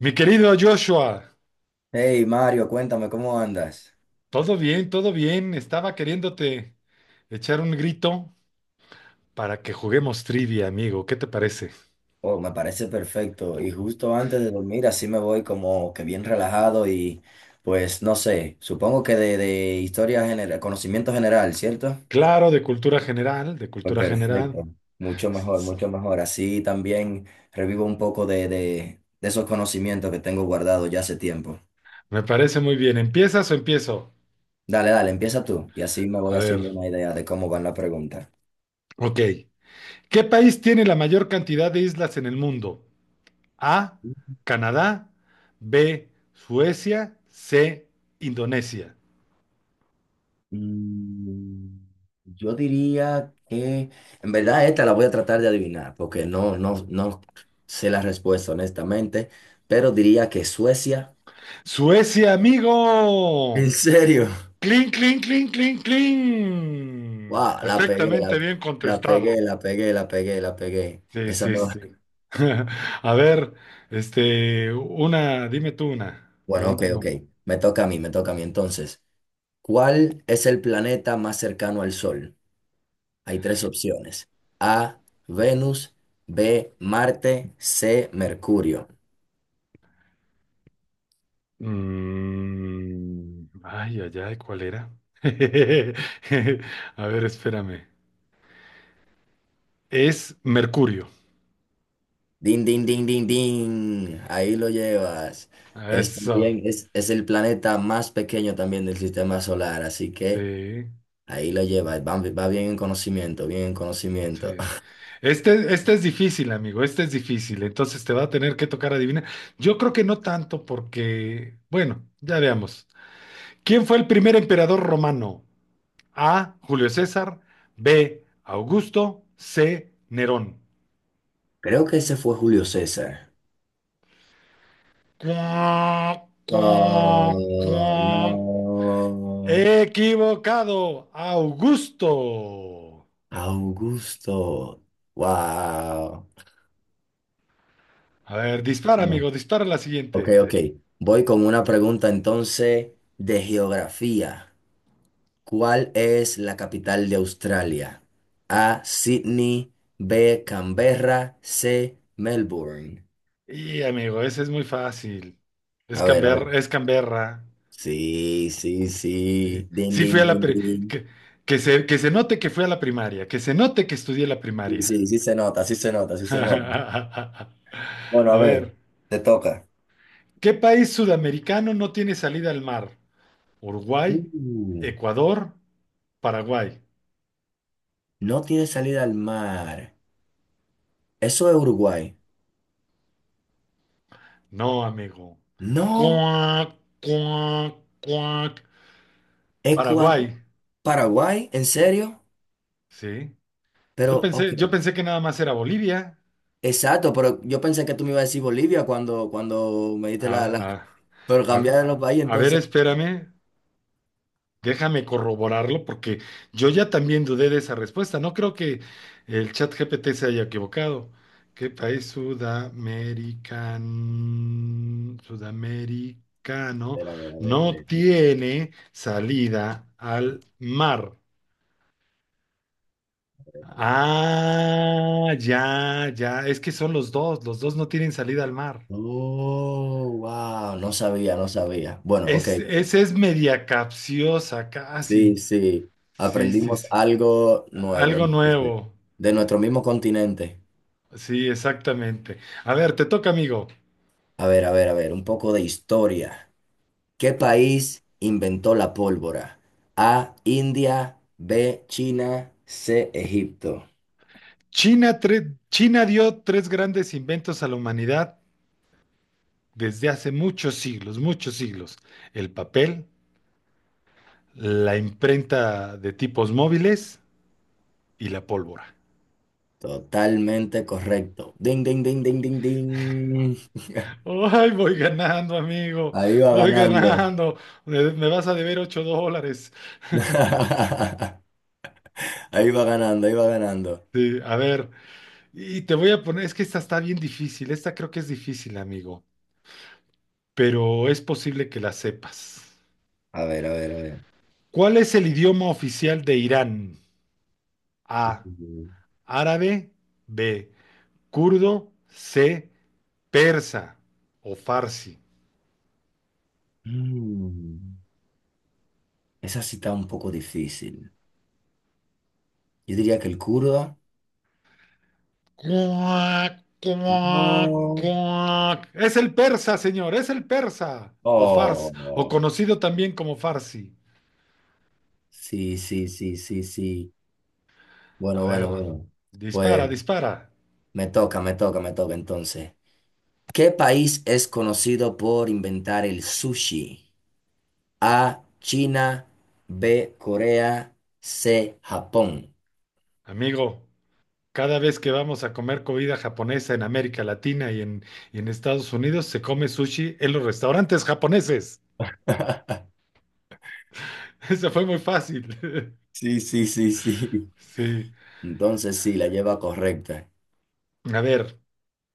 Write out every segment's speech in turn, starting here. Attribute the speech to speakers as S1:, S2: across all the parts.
S1: Mi querido Joshua,
S2: Hey Mario, cuéntame cómo andas.
S1: todo bien, todo bien. Estaba queriéndote echar un grito para que juguemos trivia, amigo. ¿Qué te parece?
S2: Oh, me parece perfecto. Y justo antes de dormir, así me voy como que bien relajado y pues no sé, supongo que de historia general, conocimiento general, ¿cierto?
S1: Claro, de cultura general, de
S2: Pues
S1: cultura general.
S2: perfecto, mucho mejor,
S1: S-
S2: mucho mejor. Así también revivo un poco de esos conocimientos que tengo guardados ya hace tiempo.
S1: Me parece muy bien. ¿Empiezas o empiezo?
S2: Dale, dale, empieza tú y así me
S1: A
S2: voy
S1: ver,
S2: haciendo una idea de cómo van las preguntas.
S1: ok. ¿Qué país tiene la mayor cantidad de islas en el mundo? A, Canadá, B, Suecia, C, Indonesia.
S2: Mm, Yo diría que, en verdad, esta la voy a tratar de adivinar, porque no sé la respuesta, honestamente, pero diría que Suecia.
S1: Suecia,
S2: ¿En
S1: amigo.
S2: serio?
S1: Clean, clean, clean, clean, clean.
S2: Wow,
S1: Perfectamente bien
S2: la
S1: contestado.
S2: pegué, la pegué, la pegué, la pegué.
S1: Sí,
S2: Esa
S1: sí,
S2: no.
S1: sí. A ver, dime tú una.
S2: Bueno, ok,
S1: Pregúntame.
S2: ok. Me toca a mí, me toca a mí. Entonces, ¿cuál es el planeta más cercano al Sol? Hay tres opciones. A, Venus, B, Marte, C, Mercurio.
S1: Mm, ay, ay, ay, ¿cuál era? A ver, espérame. Es Mercurio.
S2: Din, din, din, din, din. Ahí lo llevas. Es
S1: Eso.
S2: también, es el planeta más pequeño también del sistema solar, así que
S1: Sí.
S2: ahí lo llevas. Va, va bien en conocimiento, bien en conocimiento.
S1: Sí. Este es difícil, amigo, este es difícil, entonces te va a tener que tocar adivinar. Yo creo que no tanto porque, bueno, ya veamos. ¿Quién fue el primer emperador romano? A, Julio César, B, Augusto, C, Nerón.
S2: Creo que ese fue Julio César.
S1: Cuac, cuac,
S2: Oh,
S1: cuac.
S2: no.
S1: Equivocado, Augusto.
S2: Augusto. Wow.
S1: A ver, dispara,
S2: Bueno,
S1: amigo, dispara la siguiente.
S2: ok, ok. Voy con una pregunta entonces de geografía. ¿Cuál es la capital de Australia? A, Sydney, B, Canberra, C, Melbourne.
S1: Y, amigo, ese es muy fácil. Es
S2: A ver, a ver.
S1: Canberra.
S2: Sí, sí,
S1: Sí,
S2: sí. Din,
S1: Sí
S2: din,
S1: fui a la
S2: din,
S1: pri- que,
S2: din.
S1: que se note que fui a la primaria, que se note que estudié la
S2: Sí,
S1: primaria.
S2: sí, sí se nota, sí se nota, sí se nota. Bueno,
S1: A
S2: a
S1: ver,
S2: ver, te toca.
S1: ¿qué país sudamericano no tiene salida al mar?
S2: Uh,
S1: ¿Uruguay, Ecuador, Paraguay?
S2: no tiene salida al mar. Eso es Uruguay.
S1: No, amigo.
S2: No,
S1: Cuac, cuac, cuac.
S2: Ecuador,
S1: Paraguay,
S2: Paraguay, ¿en serio?
S1: sí. Yo
S2: Pero, ok.
S1: pensé, yo pensé que nada más era Bolivia.
S2: Exacto, pero yo pensé que tú me ibas a decir Bolivia cuando, cuando me diste
S1: A,
S2: la
S1: a-
S2: Pero cambiárnoslo para ahí,
S1: a ver,
S2: entonces.
S1: espérame. Déjame corroborarlo porque yo ya también dudé de esa respuesta. No creo que el chat GPT se haya equivocado. ¿Qué país sudamericano
S2: Espera, a ver, a ver, a
S1: no
S2: ver.
S1: tiene salida al mar? Ah, ya, ya. Es que son los dos. Los dos no tienen salida al mar.
S2: Oh, wow, no sabía, no sabía. Bueno, ok,
S1: Esa es media capciosa, casi.
S2: sí, sí,
S1: Sí, sí,
S2: aprendimos
S1: sí.
S2: algo nuevo
S1: Algo
S2: entonces,
S1: nuevo.
S2: de nuestro mismo continente.
S1: Sí, exactamente. A ver, te toca, amigo.
S2: A ver, a ver, a ver, un poco de historia. ¿Qué país inventó la pólvora? A, India, B, China, C, Egipto.
S1: China dio tres grandes inventos a la humanidad desde hace muchos siglos, muchos siglos. El papel, la imprenta de tipos móviles y la pólvora.
S2: Totalmente correcto. Ding, ding, ding, ding, ding, ding.
S1: Ay, voy ganando, amigo.
S2: Ahí va
S1: Voy
S2: ganando.
S1: ganando. Me vas a deber $8.
S2: Ahí va ganando, ahí va ganando.
S1: Sí, a ver, y te voy a poner, es que esta está bien difícil. Esta creo que es difícil, amigo, pero es posible que la sepas.
S2: A ver, a ver, a ver.
S1: ¿Cuál es el idioma oficial de Irán? A.
S2: Mm.
S1: Árabe. B. Kurdo. C. Persa o farsi.
S2: Mm. Esa sí está un poco difícil. Yo diría que el kurdo.
S1: Cuac, cuac,
S2: No.
S1: cuac. Es el persa, señor, es el persa. O
S2: Oh.
S1: conocido también como farsi.
S2: Sí, sí, sí, sí, sí.
S1: A
S2: Bueno,
S1: ver,
S2: bueno, bueno.
S1: dispara,
S2: Pues
S1: dispara.
S2: me toca, me toca, me toca entonces. ¿Qué país es conocido por inventar el sushi? A, China, B, Corea, C, Japón.
S1: Amigo, cada vez que vamos a comer comida japonesa en América Latina y en Estados Unidos, se come sushi en los restaurantes japoneses. Esa fue muy fácil.
S2: Sí, sí, sí, sí.
S1: Sí.
S2: Entonces sí, la lleva correcta.
S1: A ver,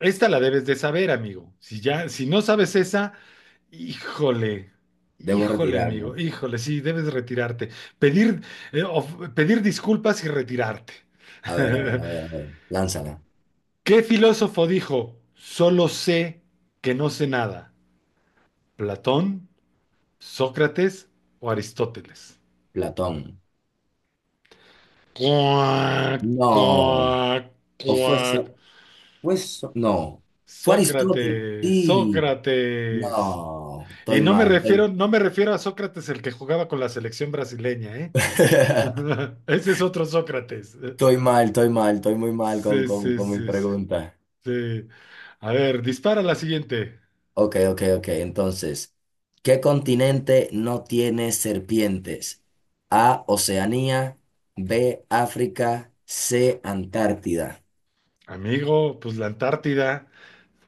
S1: esta la debes de saber, amigo. Si ya, si no sabes esa, híjole.
S2: Debo
S1: Híjole,
S2: retirarme.
S1: amigo, híjole, sí, debes retirarte. Pedir, Pedir disculpas y retirarte.
S2: A ver, a ver, a ver, a ver. Lánzala.
S1: ¿Qué filósofo dijo, solo sé que no sé nada? ¿Platón, Sócrates o Aristóteles?
S2: Platón.
S1: Cuac,
S2: No.
S1: cuac,
S2: O
S1: cuac.
S2: no. Fue Aristóteles.
S1: Sócrates,
S2: Sí.
S1: Sócrates.
S2: No.
S1: Y
S2: Estoy mal. Estoy,
S1: no me refiero a Sócrates el que jugaba con la selección brasileña, ¿eh? Ese es otro Sócrates.
S2: estoy mal, estoy mal, estoy muy mal con,
S1: Sí,
S2: con,
S1: sí,
S2: con mis
S1: sí, sí.
S2: preguntas.
S1: sí. A ver, dispara la siguiente.
S2: Ok, ok, ok. Entonces, ¿qué continente no tiene serpientes? A, Oceanía, B, África, C, Antártida.
S1: Amigo, pues la Antártida.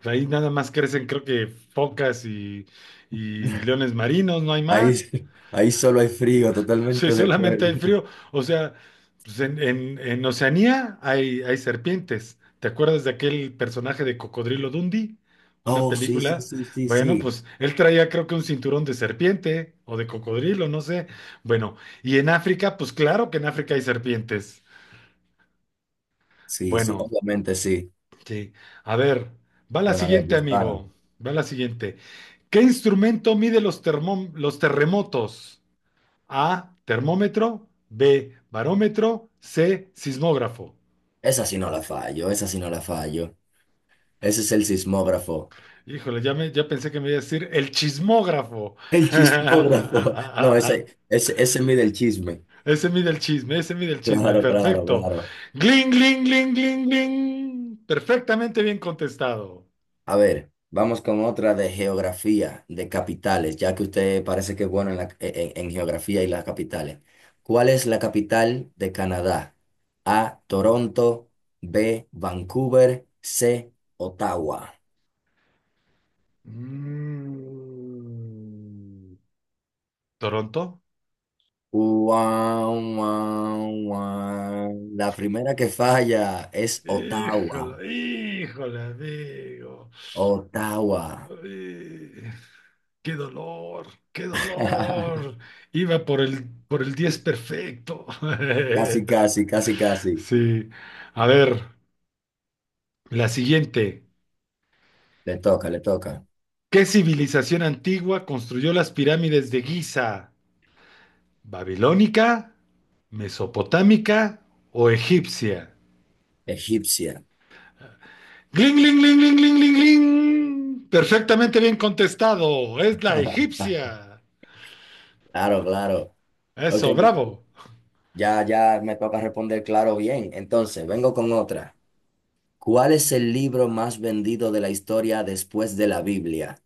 S1: Ahí nada más crecen, creo que focas y leones marinos, no hay
S2: Ahí,
S1: más.
S2: ahí solo hay frío,
S1: Sí,
S2: totalmente de
S1: solamente
S2: acuerdo.
S1: hay frío. O sea, pues en Oceanía hay serpientes. ¿Te acuerdas de aquel personaje de Cocodrilo Dundee? Una
S2: Oh, sí, sí,
S1: película.
S2: sí, sí,
S1: Bueno,
S2: sí.
S1: pues él traía creo que un cinturón de serpiente o de cocodrilo, no sé. Bueno, y en África, pues claro que en África hay serpientes.
S2: Sí, sí,
S1: Bueno,
S2: obviamente sí.
S1: sí. A ver, va la
S2: Bueno, a ver,
S1: siguiente,
S2: dispara.
S1: amigo. Va la siguiente. ¿Qué instrumento mide los terremotos? A, termómetro, B, barómetro, C, sismógrafo.
S2: Esa sí no la fallo, esa sí no la fallo. Ese es el sismógrafo.
S1: Híjole, ya, ya pensé que me iba a decir el chismógrafo.
S2: El chismógrafo. No, ese mide el chisme.
S1: Ese mide el chisme, ese mide el chisme,
S2: Claro, claro,
S1: perfecto.
S2: claro.
S1: Gling, gling, gling, gling, gling. Perfectamente bien contestado.
S2: A ver, vamos con otra de geografía, de capitales, ya que usted parece que es bueno en, en geografía y las capitales. ¿Cuál es la capital de Canadá? A, Toronto, B, Vancouver, C, Ottawa.
S1: Mm, ¿Toronto?
S2: Guau, guau, guau. La primera que falla es Ottawa.
S1: Híjole, híjole, amigo.
S2: Ottawa.
S1: Ay, ¡Qué dolor! ¡Qué dolor! Iba por por el 10 perfecto.
S2: Casi, casi, casi, casi.
S1: Sí. A ver, la siguiente.
S2: Le toca, le toca.
S1: ¿Qué civilización antigua construyó las pirámides de Giza? ¿Babilónica? ¿Mesopotámica o egipcia?
S2: Egipcia.
S1: ¡Gling, gling, gling, gling, gling, gling, gling! Perfectamente bien contestado. Es la egipcia.
S2: Claro, claro. Ok,
S1: Eso, bravo.
S2: ya, ya me toca responder claro bien. Entonces, vengo con otra. ¿Cuál es el libro más vendido de la historia después de la Biblia?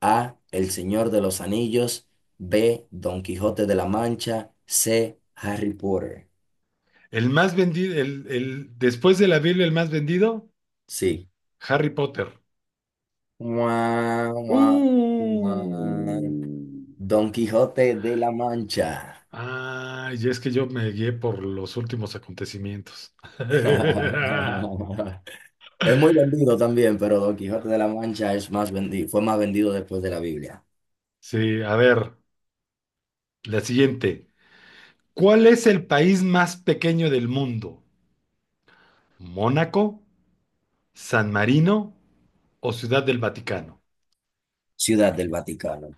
S2: A. El Señor de los Anillos. B. Don Quijote de la Mancha. C. Harry Potter.
S1: El más vendido, después de la Biblia, el más vendido,
S2: Sí.
S1: Harry Potter.
S2: Mua,
S1: Uh.
S2: mua, mua. Don Quijote de la Mancha.
S1: Ay, y es que yo me guié por los últimos acontecimientos.
S2: Es muy vendido también, pero Don Quijote de la Mancha es más vendido, fue más vendido después de la Biblia.
S1: Sí, a ver, la siguiente. ¿Cuál es el país más pequeño del mundo? ¿Mónaco, San Marino o Ciudad del Vaticano?
S2: Ciudad del Vaticano.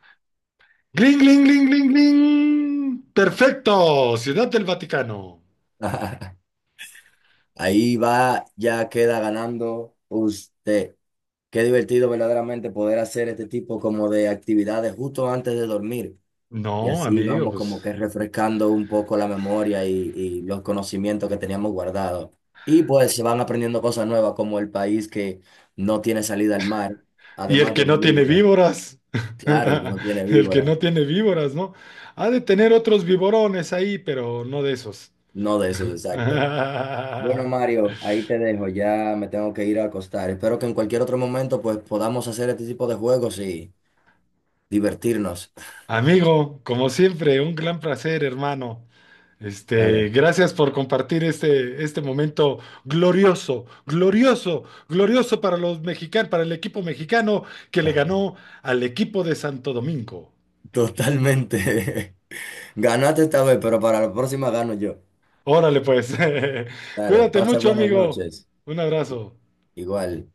S1: ¡Gling, gling, gling, gling, gling! ¡Perfecto! Ciudad del Vaticano.
S2: Ahí va, ya queda ganando usted. Qué divertido verdaderamente poder hacer este tipo como de actividades justo antes de dormir. Y
S1: No,
S2: así
S1: amigo,
S2: vamos
S1: pues.
S2: como que refrescando un poco la memoria y los conocimientos que teníamos guardados. Y pues se van aprendiendo cosas nuevas como el país que no tiene salida al mar,
S1: Y el
S2: además de
S1: que no tiene
S2: Bolivia.
S1: víboras,
S2: Claro, el que no tiene
S1: el que
S2: víbora.
S1: no tiene víboras, ¿no? Ha de tener otros viborones ahí, pero no de esos.
S2: No de esos, exacto. Bueno, Mario, ahí te dejo, ya me tengo que ir a acostar. Espero que en cualquier otro momento pues podamos hacer este tipo de juegos y divertirnos.
S1: Amigo, como siempre, un gran placer, hermano.
S2: Dale.
S1: Gracias por compartir este momento glorioso, glorioso, glorioso para los mexicanos, para el equipo mexicano que le ganó al equipo de Santo Domingo.
S2: Totalmente. Ganaste esta vez, pero para la próxima gano yo.
S1: Órale, pues.
S2: Dale,
S1: Cuídate
S2: pasa
S1: mucho,
S2: buenas
S1: amigo.
S2: noches.
S1: Un abrazo.
S2: Igual.